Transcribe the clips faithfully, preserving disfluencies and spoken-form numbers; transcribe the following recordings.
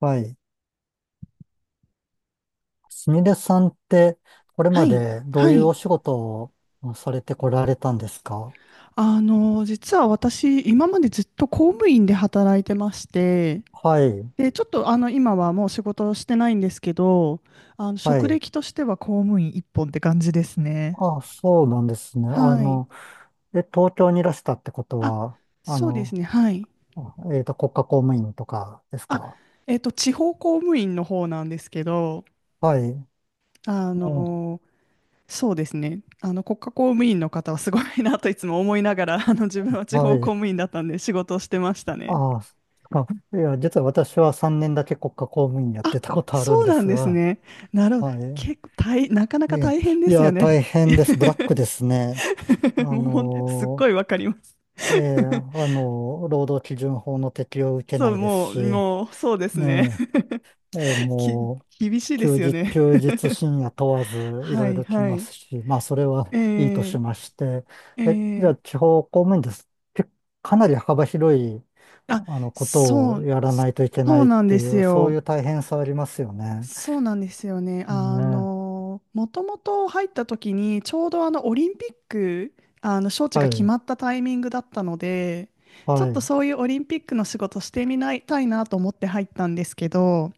はい。すみれさんって、これはまい。でどうはいうおい。仕事をされてこられたんですか？あの、実は私、今までずっと公務員で働いてまして、はい。で、ちょっとあの、今はもう仕事をしてないんですけど、あの、は職い。歴としては公務員一本って感じですね。あ、そうなんですね。あはい。の、え、東京にいらしたってことあ、は、あそうですの、ね。はい。えっと、国家公務員とかですあ、か？えっと、地方公務員の方なんですけど、はい。あうん。の、そうですね。あの、国家公務員の方はすごいなといつも思いながら、あの、自分は地は方公い。務員だったんで仕事をしてましたね。ああ、そっか。いや、実は私はさんねんだけ国家公務員やっあ、てたことあるんそうでなんすですが、ね。なるほど。はい。結構大、なかないかえ大変でいすよや、ね。大変です。ブラックです ね。あもうほん、すっのごいーわかります。ええ、あ の、労働基準法の適用を受けそなう、いですもう、し、もう、そうですね。ね。え、ええ、 き、もう、厳しいで休すよ日、ね。休日深夜問わず、いはろいい、ろ来はまい。すし、まあ、それはえいいとしー、まして、ええ、じゃー、あ、地方公務員です。けかなり幅広い、あ、あの、ことそをう、やらないといけなそういっなんてでいすう、そうよ。いう大変さありますよね。そうなんですよね。あね。の、もともと入った時に、ちょうどあのオリンピック、あの招致はが決い、まったタイミングだったので、ちょっはとい、そういうオリンピックの仕事してみないたいなと思って入ったんですけど、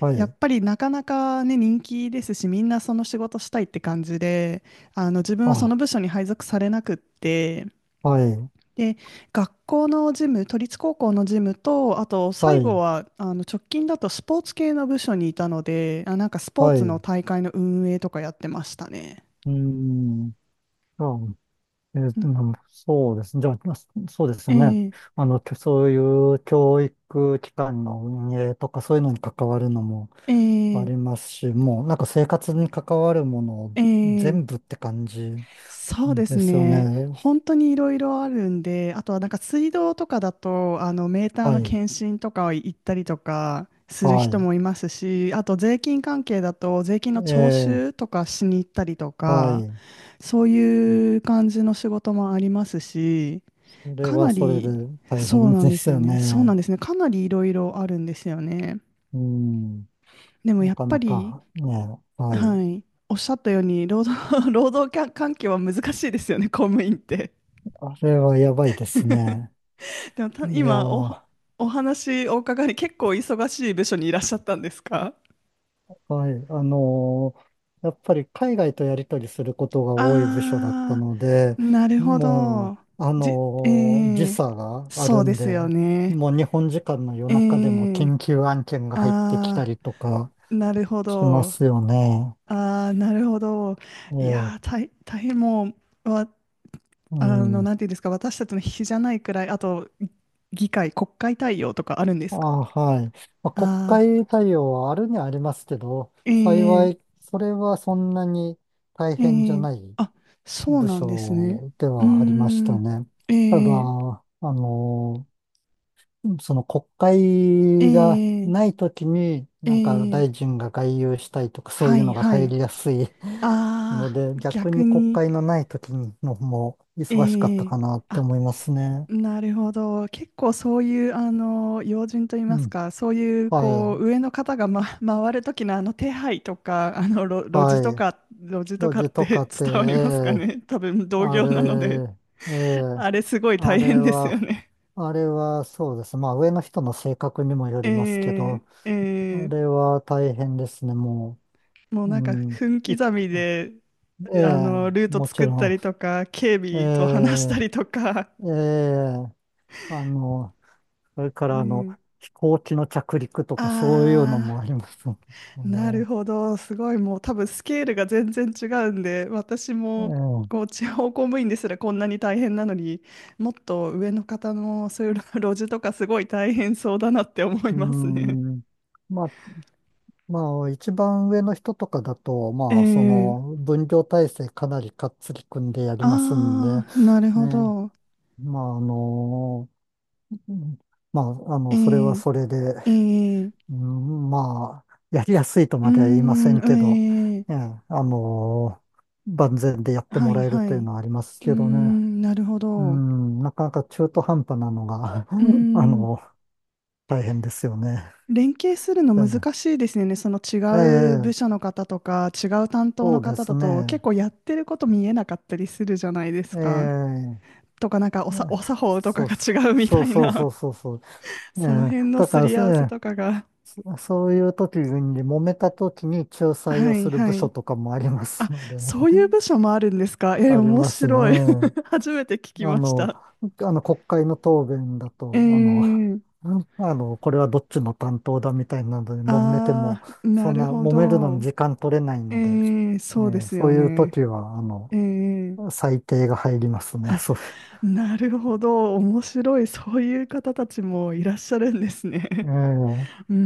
はやっい、ぱりなかなかね、人気ですし、みんなその仕事したいって感じで、あの自分はそあ、の部署に配属されなくって、はい、で、学校のジム、都立高校のジムと、あとは最後い、はあの直近だとスポーツ系の部署にいたので、あ、なんかスポーはい、ツのう大会の運営とかやってましたね。ーん、あえー、うんうん、そうですね。じゃあ、そうですね。ええあの、そういう教育機関の運営とかそういうのに関わるのもあえりえますし、もうなんか生活に関わるものえ全部えって感じそうですですよね。ね。本当にいろいろあるんで、あとはなんか水道とかだと、あのメーターはのい、検診とか行ったりとかするは人い。もいますし、あと税金関係だと税金のえ徴ー、収とかしに行ったりとはか、い。そういう感じの仕事もありますし、それかはなそれでり、大そう変なんでですすよよね。そうなんね。ですね。かなりいろいろあるんですよね。うん、でもなやっかぱなり、かね、はい。はい、おっしゃったように、労働、労働環環境は難しいですよね、公務員って。あれはやばいですね。でもたいや今お、ー。お話お伺いに結構忙しい部署にいらっしゃったんですか？はい。あのーやっぱり海外とやり取りすることが多い部署だったあので、ー、なるほもど。う、あじ、えのー時ー、差があそるうでんすよで、ね。もう日本時間の夜え中でもー、緊急案件が入ってきたありとかーなるほしまど。すよね。ああ、なるほど。えいえ、やー、大、大変もう、わ、うあの、ん。なんていうんですか、私たちの比じゃないくらい、あと、議会、国会対応とかあるんであ、すか？はい。まあ、国ああ会対応はあるにはありますけど、ー、幸ええい、それはそんなに大変じえゃえないあ、そう部なんですね。署でうーはありましたん、ね。えただ、えあの、その国会がえなえいときに、なんかえ大え臣が外遊したいとか、そうはいうい、のがは入い。りやすい あのあ、で、逆逆に国に、会のないときの方も忙しかっえたえかなってあ、思いますね。なるほど。結構そういうあの要人といいうますん。か、そういうはこうい。上の方が、ま、回る時のあの手配とか、あの路、路地とはい。か、路地と路かっ地て とか 伝って、えわりますかえ、ね。多分同あ業なので、れ、え え、あれすごいあ大れ変ですよは、ね。あれはそうです。まあ上の人の性格にもよ えりますけー、ど、えあー、れは大変ですね、ももうう。うなんかん。分い、刻みでえあえ、のルートもち作っろたん。りとか、警え備と話したえ、りとか。ええ、あの、それ かうらあの、ん、飛行機の着陸とあかそういうのもあ。ありますもんなるね。ほど、すごいもう多分スケールが全然違うんで、私ええ、もこう地方公務員ですらこんなに大変なのに、もっと上の方のそういう路地とかすごい大変そうだなって思いうますね。ん。まあ、まあ、一番上の人とかだと、えまあ、そえの、分業体制かなりかっつり組んでやりますんで、ああー、なるほね。ど。まあ、あの、まあ、あの、それはえそれで、えええうん、まあ、やりやすいとうーまでは言いません、んけど、えええ、えあの万全でやってはもいらえるはというい。うのはありますーけどね。ん、なるほうど。うん、なかなか中途半端なのが、ー あん、の大変ですよね。連携するので難ね、しいですよね。そのえ違う部え、署の方とか、違う担当そのうで方すだと、結ね。構やってること見えなかったりするじゃないですえか。え、とか、なんかおさ、おね、作法とかそう、が違うみそたういそうそな、うそうそう。えそのえ、辺のだかすら、り合わせええ、とかが。そそういう時に、揉めた時に仲裁はをいする部は署い。とかもありますあ、のでね。そういう部署もあるんですか。え ー、あり面ますね。白い。あ初めて聞きましの、た。あの国会の答弁だえと、あの、ー、あの、これはどっちの担当だみたいなので揉めても、あー、そなんるなほ揉めるのど。に時間取れないえので、ー、えそうでーすそよういうね。時は、あえの、ー裁定が入りますね。そう、なるほど。面白い。そういう方たちもいらっしゃるんですえね。ー うー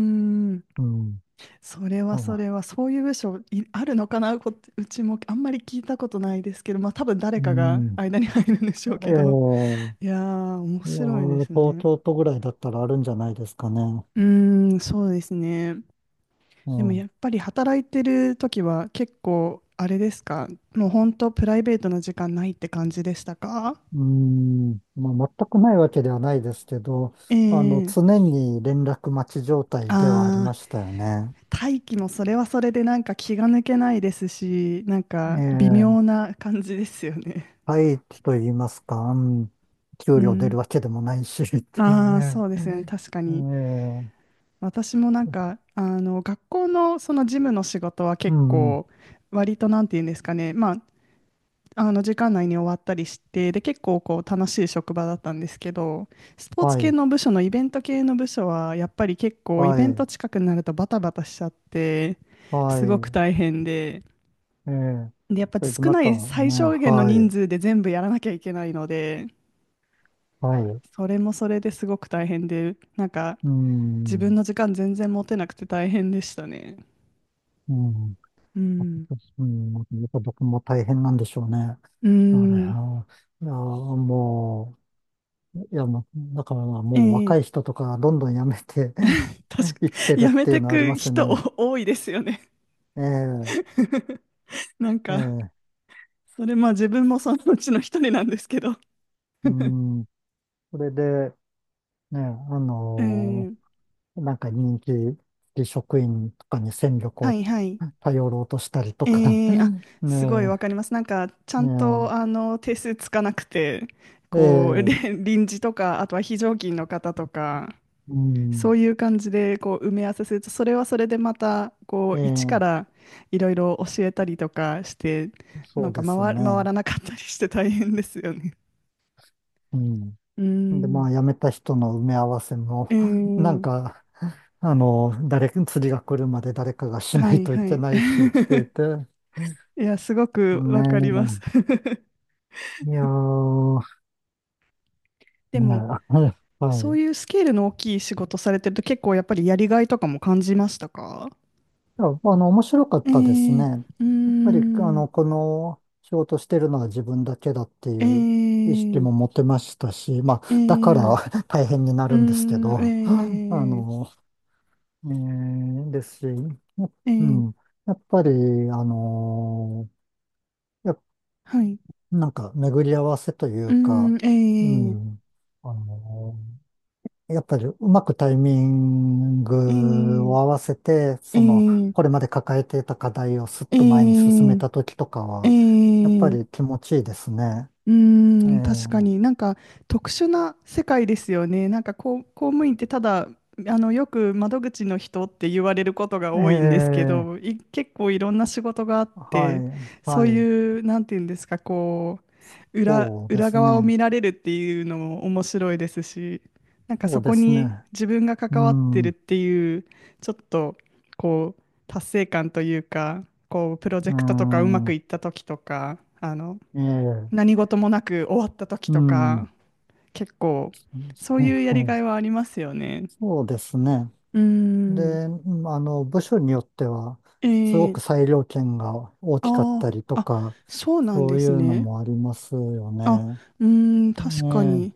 ん。うん、それはそあれは、そういう部署いあるのかなこ、うちもあんまり聞いたことないですけど、まあ多分誰うかがん、間に入るんでしえょうけど。ーいやー、面いや白いでー、す東ね。京都ぐらいだったらあるんじゃないですかね。うーん、そうですね。うでもやん。っぱり働いてる時は結構、あれですか？もう本当プライベートな時間ないって感じでしたか？うーん、まあ、全くないわけではないですけど、えあの、え常に連絡待ち状態ではありああまー。したよね。大気もそれはそれでなんか気が抜けないですし、なんえか微え、妙な感じですよね。廃棄と言いますか、うん、う給料出ん。るわけでもないし、っていうああ、ね。そうですよね。確かえに。え、私もなんか、あの、学校のその事務の仕事はう結ん、構、割となんて言うんですかね。まあ、あの、時間内に終わったりして、で、結構こう楽しい職場だったんですけど、スポーツは系い、の部署のイベント系の部署は、やっぱり結構イはベントい、近くになるとバタバタしちゃって、はすごくい、大変で、ええ、で、やっぱそれで少まなたいね、最小限の人は数で全部やらなきゃいけないので、い、はい、それもそれですごく大変で、なんかう自ん、分の時間全然持てなくて大変でしたね。うん。うん。うん、やっぱ僕も大変なんでしょうね。うあれ、あん。ー、いやー、もう、いや、もう、だからもうえ若いえ人とかどんどん辞めて 確 か、いっ てるやっめていてうのはありくますよ人ね。多いですよね。ええ、なんえか、え、それまあ自分もそのうちの一人なんですけど。う ん。それで、ね、あうのん。ーなんか人気職員とかに戦力はをいはい。頼ろうとしたりとか、ええうあ、ん、 すごいわねかります。なんか、ちゃえ、んと、ねあの、定数つかなくて、え、えこう、え、れ臨時とか、あとは非常勤の方とか、うそん、ういう感じで、こう、埋め合わせすると、それはそれでまた、えこう、一かえ、らいろいろ教えたりとかして、そなんうかですよ回、回ね。らなかったりして大変ですよね。うん。うーで、まん。あ、辞めた人の埋め合わせも、なんええか、あの、誰、釣りが来るまで誰かがしはないい、といはい。け ないしって言って、いや、すごくわかります。ね え、いやー、でねも、え、はい。そういいうスケールの大きい仕事されてると結構やっぱりやりがいとかも感じましたか？や、あの、面白かっえたですね。ー、うーやっぱり、あん、の、この仕事してるのは自分だけだっていえう意識ー、も持てましたし、まあ、えだから ー、大変になうーるんですけど、あん、えの、ねえーですし、や、ー、えうー、ん、やっぱり、あのいや、はい、なんか巡り合わせというーうん、か、うえー、ん、あのーやっぱりうまくタイミンえグをー、合わせて、えその、ー、これまで抱えていた課題をすっえと前に進めー、た時とかえー、えは、やっぱーり気持ちいいですね。うえーん、確かになんか特殊な世界ですよね。なんかこう公務員ってただあのよく窓口の人って言われることが多いんですけえ、ど、ええ、い結構いろんな仕事があっはて、い、そうはい、いうなんていうんですか、こう裏、そうで裏す側をね。見られるっていうのも面白いですし、なんかそそうでこすにね。自分がう関わってん、るっうていうちょっとこう達成感というか、こうプロジェクトとかうまくん、いった時とか、あのええ、何事もなく終わった時うとん、か、結構、そうですそうね、いうやはりい、がいはありますよね。そうですね。うーん。で、うん、あの、部署によっては、えすごくー、裁量権が大きかっあたーりとあ、か、そうなんそでういすうのね。もありますよあ、ね。うーん、確かね、に、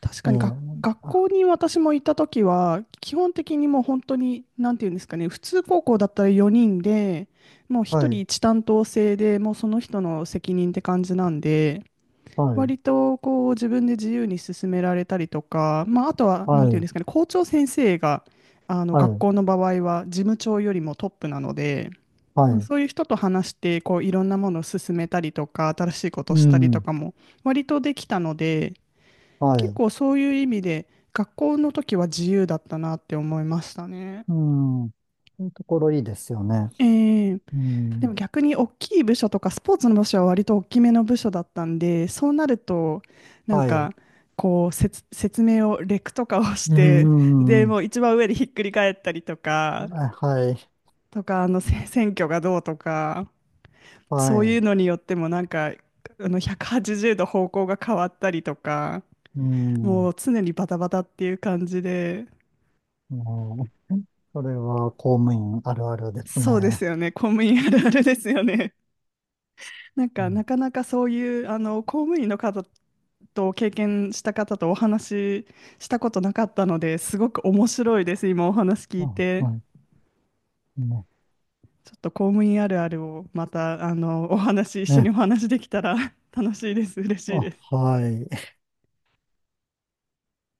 確えかえ、にが、え、学あ校に私も行った時は、基本的にもう本当に、なんていうんですかね、普通高校だったらよにんで、もうは一人い、一担当制で、もうその人の責任って感じなんで、はい、割とこう自分で自由に進められたりとか、まあ、あとはなはんていうんでい、すかね、校長先生があのは学い、校の場合は事務長よりもトップなので、うんはい、そういう人と話してこういろんなものを進めたりとか、新しいことをうしたりとん、かも割とできたので、は結い、構そういう意味で学校の時は自由だったなって思いましたね。うん、そういうところいいですよね。ええうでもん、逆に大きい部署とかスポーツの部署は割と大きめの部署だったんでそうなるとなんはい、かこうせつ説明をレクとかをしうてでん、もう一番上でひっくり返ったりとかあはい、とかあのせ選挙がどうとかはそういい、うのによってもなんかあのひゃくはちじゅうど方向が変わったりとかうもん、う常にバタバタっていう感じで、もう、それは公務員あるあるですそうでね。すよね、公務員あるあるですよね。なんうか、なん、かなかそういう、あの、公務員の方と経験した方とお話ししたことなかったので、すごく面白いです。今お話聞いあ、て。はい。うん、ちょっと公務員あるあるをまた、あの、お話、一緒ね。にお話できたら 楽しいです。嬉しいであ、す。はい。